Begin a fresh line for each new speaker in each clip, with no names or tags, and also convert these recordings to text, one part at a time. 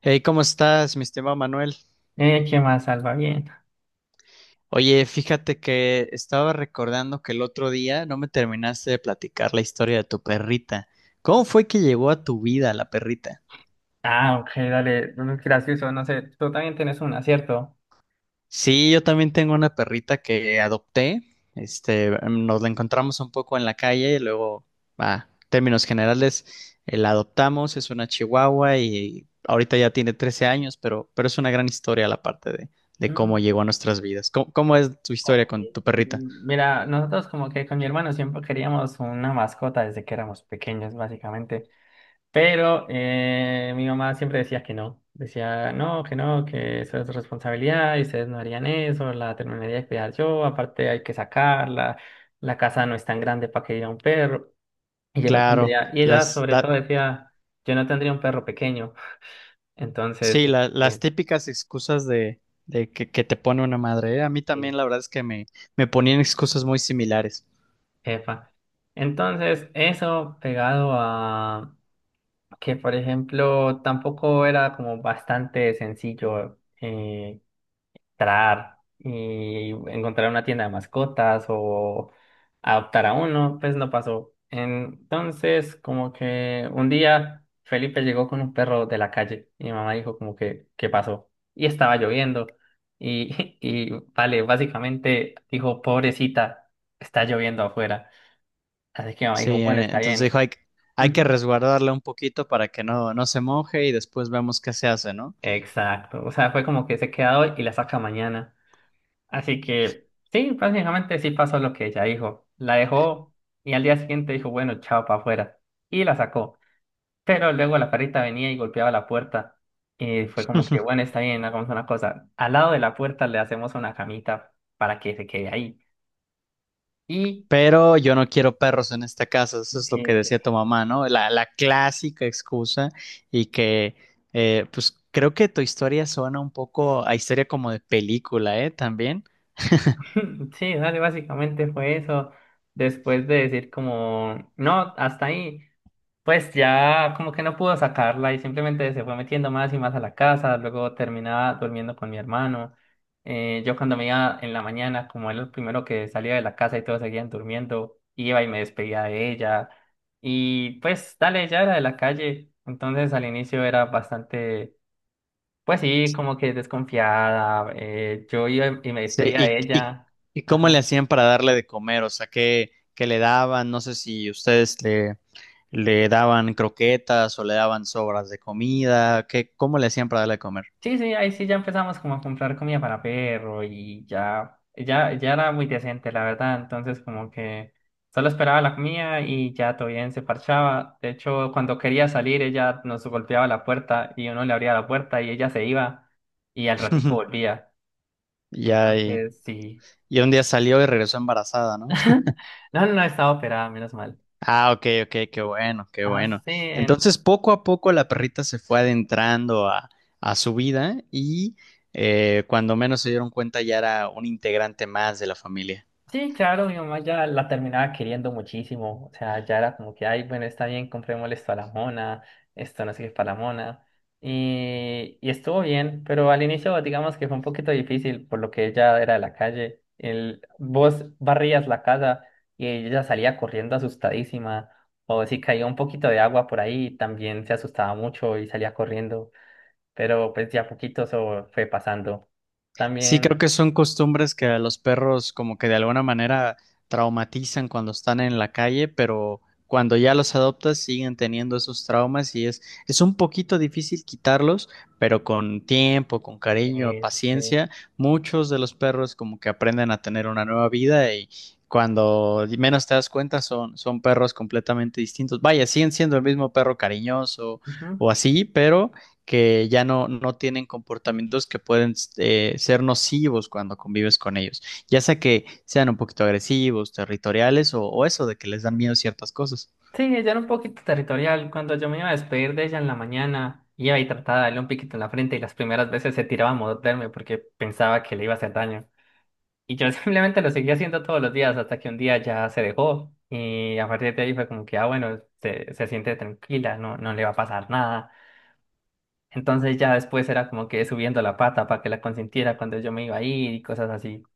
Hey, ¿cómo estás, mi estimado Manuel?
¿Qué más Salva? Bien.
Oye, fíjate que estaba recordando que el otro día no me terminaste de platicar la historia de tu perrita. ¿Cómo fue que llegó a tu vida la perrita?
Ah, ok, dale, gracioso, no sé, tú también tienes una, ¿cierto?
Sí, yo también tengo una perrita que adopté. Nos la encontramos un poco en la calle y luego, a términos generales, la adoptamos. Es una chihuahua y ahorita ya tiene 13 años, pero es una gran historia la parte de cómo
Mm,
llegó a nuestras vidas. ¿Cómo, cómo es tu
ok.
historia con tu perrita?
Mira, nosotros como que con mi hermano siempre queríamos una mascota desde que éramos pequeños, básicamente, pero mi mamá siempre decía que no, decía no, que no, que eso es responsabilidad y ustedes no harían eso, la terminaría de cuidar yo, aparte hay que sacarla, la casa no es tan grande para que diga un perro, y yo no
Claro,
tendría, y ella sobre todo decía, yo no tendría un perro pequeño. Entonces,
sí, las
bien,
típicas excusas de que te pone una madre, ¿eh? A mí
sí,
también la verdad es que me ponían excusas muy similares.
epa. Entonces, eso pegado a que, por ejemplo, tampoco era como bastante sencillo. Entrar y encontrar una tienda de mascotas o adoptar a uno, pues no pasó. Entonces, como que un día Felipe llegó con un perro de la calle y mi mamá dijo como que ¿qué pasó? Y estaba lloviendo y, y vale, básicamente dijo, pobrecita, está lloviendo afuera. Así que mi mamá
Sí,
dijo, bueno, está
entonces dijo,
bien.
hay, hay que
Ujú.
resguardarla un poquito para que no, no se moje y después vemos qué se hace, ¿no?
Exacto, o sea, fue como que se queda hoy y la saca mañana. Así que sí, prácticamente sí pasó lo que ella dijo. La dejó y al día siguiente dijo, bueno, chao para afuera. Y la sacó. Pero luego la perrita venía y golpeaba la puerta. Y fue como que, bueno, está bien, hagamos una cosa. Al lado de la puerta le hacemos una camita para que se quede ahí. Y
Pero yo no quiero perros en esta casa, eso es lo que
eh,
decía tu mamá, ¿no? La clásica excusa y que, pues creo que tu historia suena un poco a historia como de película, ¿eh? También.
sí, dale, básicamente fue eso. Después de decir como no, hasta ahí. Pues ya como que no pudo sacarla y simplemente se fue metiendo más y más a la casa, luego terminaba durmiendo con mi hermano. Yo cuando me iba en la mañana, como era el primero que salía de la casa y todos seguían durmiendo, iba y me despedía de ella. Y pues dale, ya era de la calle, entonces al inicio era bastante, pues sí, como que desconfiada. Yo iba y me
Sí,
despedía de ella.
y cómo le
Ajá.
hacían para darle de comer, o sea, qué, qué le daban, no sé si le daban croquetas o le daban sobras de comida, qué, cómo le hacían para darle de comer.
Sí, sí, ahí sí ya empezamos como a comprar comida para perro y ya, ya, ya era muy decente, la verdad. Entonces como que solo esperaba la comida y ya todo bien se parchaba. De hecho, cuando quería salir, ella nos golpeaba la puerta y uno le abría la puerta y ella se iba y al ratico volvía.
Ya,
Entonces, sí.
y un día salió y regresó embarazada, ¿no?
No, no, no, estaba operada, menos mal.
Ah, ok, ok, qué bueno, qué
Ajá,
bueno.
sí,
Entonces, poco a poco la perrita se fue adentrando a su vida y cuando menos se dieron cuenta ya era un integrante más de la familia.
sí, claro, mi mamá ya la terminaba queriendo muchísimo. O sea, ya era como que, ay, bueno, está bien, comprémosle esto a la mona, esto no sé qué para la mona. Y estuvo bien, pero al inicio, digamos que fue un poquito difícil, por lo que ella era de la calle. El, vos barrías la casa y ella salía corriendo asustadísima. O si caía un poquito de agua por ahí, también se asustaba mucho y salía corriendo. Pero pues ya poquito eso fue pasando.
Sí,
También.
creo que son costumbres que a los perros como que de alguna manera traumatizan cuando están en la calle, pero cuando ya los adoptas siguen teniendo esos traumas y es un poquito difícil quitarlos, pero con tiempo, con cariño,
Sí.
paciencia, muchos de los perros como que aprenden a tener una nueva vida y cuando menos te das cuenta son, son perros completamente distintos. Vaya, siguen siendo el mismo perro cariñoso
Ujú.
o así, pero que ya no, no tienen comportamientos que pueden ser nocivos cuando convives con ellos, ya sea que sean un poquito agresivos, territoriales o eso de que les dan miedo ciertas cosas.
Sí, ella era un poquito territorial. Cuando yo me iba a despedir de ella en la mañana, iba y trataba de darle un piquito en la frente y las primeras veces se tiraba a morderme porque pensaba que le iba a hacer daño. Y yo simplemente lo seguía haciendo todos los días hasta que un día ya se dejó y a partir de ahí fue como que, ah, bueno, se siente tranquila, no, no le va a pasar nada. Entonces ya después era como que subiendo la pata para que la consintiera cuando yo me iba a ir y cosas así.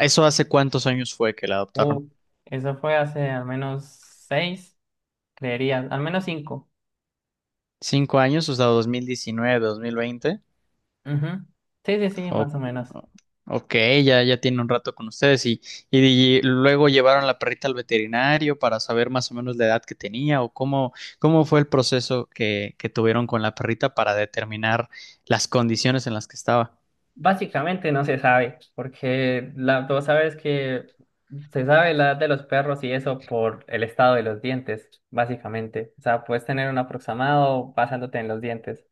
¿Eso hace cuántos años fue que la
Uh,
adoptaron?
eso fue hace al menos 6, creería, al menos 5.
¿Cinco años? O sea, 2019, 2020.
Ujú. Sí, sí, sí,
O-
más o menos.
ok, ya, ya tiene un rato con ustedes y luego llevaron la perrita al veterinario para saber más o menos la edad que tenía o cómo, cómo fue el proceso que tuvieron con la perrita para determinar las condiciones en las que estaba.
Básicamente no se sabe, porque la, vos sabes que se sabe la edad de los perros y eso por el estado de los dientes, básicamente. O sea, puedes tener un aproximado basándote en los dientes.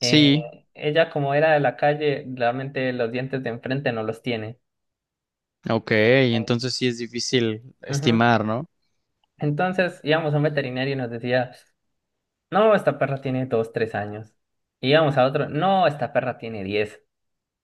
Eh, Ella, como era de la calle, realmente los dientes de enfrente no los tiene.
ok, entonces sí es difícil
Ujú.
estimar, ¿no?
Entonces íbamos a un veterinario y nos decía, no, esta perra tiene 2, 3 años. Y íbamos a otro, no, esta perra tiene 10.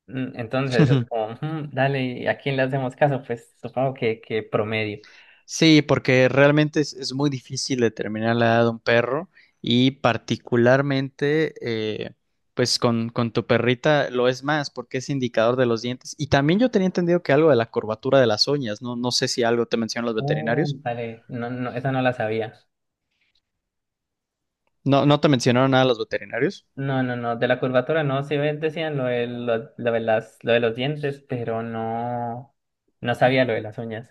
Entonces es como, "Mm, dale, ¿y a quién le hacemos caso?" Pues supongo que promedio.
Sí, porque realmente es muy difícil determinar la edad de un perro y particularmente eh, pues con tu perrita lo es más porque es indicador de los dientes. Y también yo tenía entendido que algo de la curvatura de las uñas, no, no sé si algo te mencionan los veterinarios.
Dale, no, no, esa no la sabía.
No, no te mencionaron nada los veterinarios.
No, no, no, de la curvatura no, sí decían lo de, lo de lo de los dientes, pero no, no sabía lo de las uñas.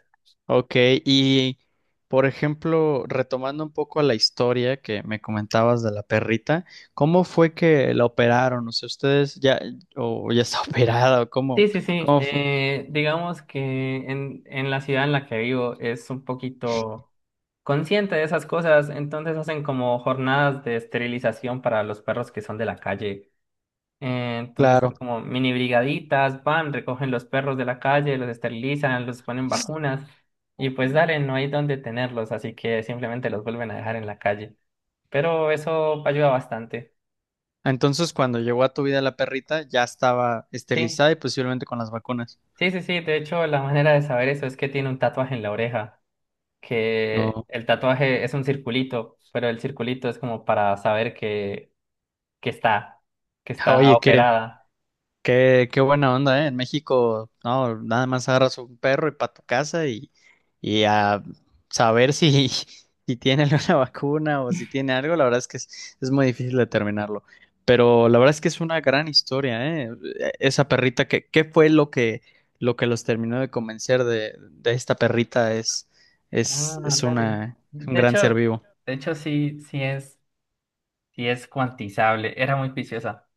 Ok, y por ejemplo, retomando un poco la historia que me comentabas de la perrita, ¿cómo fue que la operaron? O sea, ustedes ya, o ya está operada, o cómo.
Sí, sí, sí,
¿Cómo
digamos que en la ciudad en la que vivo es un poquito consciente de esas cosas, entonces hacen como jornadas de esterilización para los perros que son de la calle. Entonces
Claro.
son como mini brigaditas, van, recogen los perros de la calle, los esterilizan, los ponen vacunas y pues dale, no hay dónde tenerlos, así que simplemente los vuelven a dejar en la calle. Pero eso ayuda bastante.
Entonces, cuando llegó a tu vida la perrita, ya estaba
Sí,
esterilizada y posiblemente con las vacunas.
sí, sí, sí. De hecho, la manera de saber eso es que tiene un tatuaje en la oreja, que
No.
el tatuaje es un circulito, pero el circulito es como para saber que está, que está
Oye,
operada.
qué, qué buena onda, ¿eh? En México, no, nada más agarras un perro y para tu casa y a saber si, si tiene alguna vacuna o si tiene algo, la verdad es que es muy difícil determinarlo. Pero la verdad es que es una gran historia, ¿eh? Esa perrita, que, ¿qué fue lo que los terminó de convencer de esta perrita?
Ah,
Es,
dale.
es un
De
gran
hecho,
ser vivo.
de hecho sí, sí es. Sí, es cuantizable, era muy juiciosa.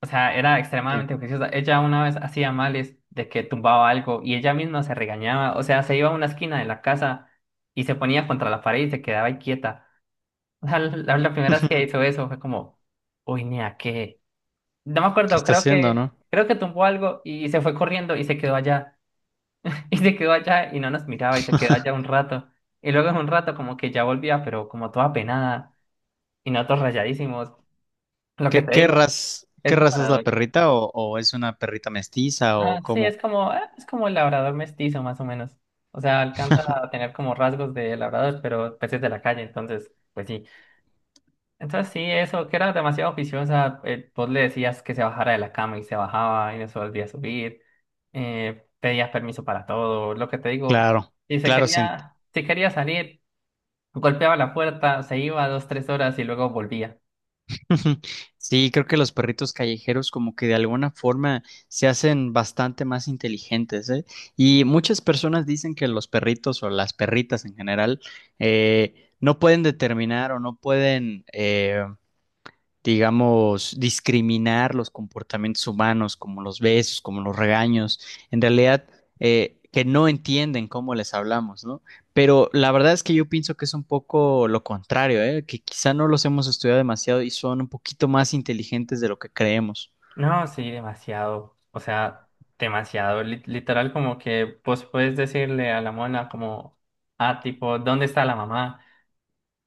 O sea, era
Ya.
extremadamente juiciosa. Ella una vez hacía males de que tumbaba algo y ella misma se regañaba. O sea, se iba a una esquina de la casa y se ponía contra la pared y se quedaba ahí quieta. O sea, la primera vez que hizo eso fue como, uy, ni a qué. No me
¿Qué
acuerdo,
está haciendo, no?
creo que tumbó algo y se fue corriendo y se quedó allá. Y se quedó allá y no nos miraba y se quedó allá un rato. Y luego en un rato como que ya volvía, pero como toda penada y nosotros rayadísimos. Lo que
¿Qué,
te digo.
qué
Es lo.
raza es la perrita o es una perrita mestiza o
Ah, sí,
cómo?
es como el labrador mestizo, más o menos. O sea, alcanza a tener como rasgos de labrador, pero peces de la calle, entonces, pues sí. Entonces sí, eso, que era demasiado oficiosa. Vos le decías que se bajara de la cama y se bajaba y no se volvía a subir. Pedías permiso para todo. Lo que te digo,
Claro,
si se
claro,
quería, si quería salir, golpeaba la puerta, se iba 2, 3 horas y luego volvía.
Sí, creo que los perritos callejeros como que de alguna forma se hacen bastante más inteligentes, ¿eh? Y muchas personas dicen que los perritos o las perritas en general no pueden determinar o no pueden digamos, discriminar los comportamientos humanos, como los besos, como los regaños, en realidad que no entienden cómo les hablamos, ¿no? Pero la verdad es que yo pienso que es un poco lo contrario, ¿eh? Que quizá no los hemos estudiado demasiado y son un poquito más inteligentes de lo que creemos.
No, sí, demasiado. O sea, demasiado. Literal, como que vos puedes decirle a la mona como, ah, tipo, ¿dónde está la mamá?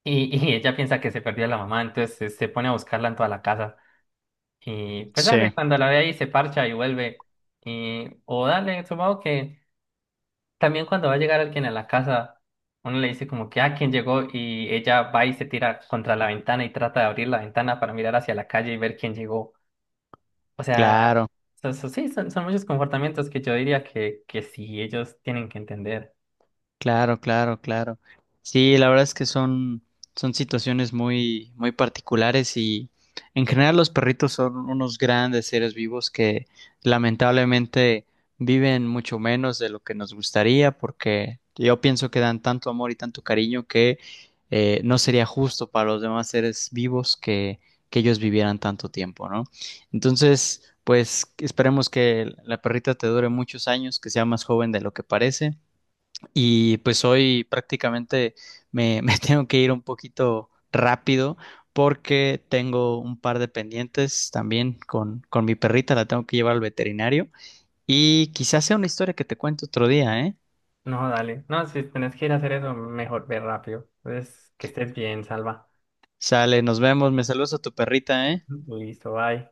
Y y ella piensa que se perdió la mamá, entonces se pone a buscarla en toda la casa. Y pues
Sí,
dale, cuando la ve ahí se parcha y vuelve. Y, o dale, supongo que también cuando va a llegar alguien a la casa, uno le dice como que, ah, ¿quién llegó? Y ella va y se tira contra la ventana y trata de abrir la ventana para mirar hacia la calle y ver quién llegó. O sea,
claro.
sí, son, son muchos comportamientos que yo diría que sí, ellos tienen que entender.
Claro, claro, claro. Sí, la verdad es que son, son situaciones muy, muy particulares y en general los perritos son unos grandes seres vivos que lamentablemente viven mucho menos de lo que nos gustaría porque yo pienso que dan tanto amor y tanto cariño que no sería justo para los demás seres vivos que ellos vivieran tanto tiempo, ¿no? Entonces, pues esperemos que la perrita te dure muchos años, que sea más joven de lo que parece. Y pues hoy prácticamente me, me tengo que ir un poquito rápido porque tengo un par de pendientes también con mi perrita, la tengo que llevar al veterinario. Y quizás sea una historia que te cuento otro día, ¿eh?
No, dale. No, si tenés que ir a hacer eso, mejor ve rápido. Entonces, que estés bien, Salva.
Sale, nos vemos, me saludas a tu perrita, ¿eh?
Listo, bye.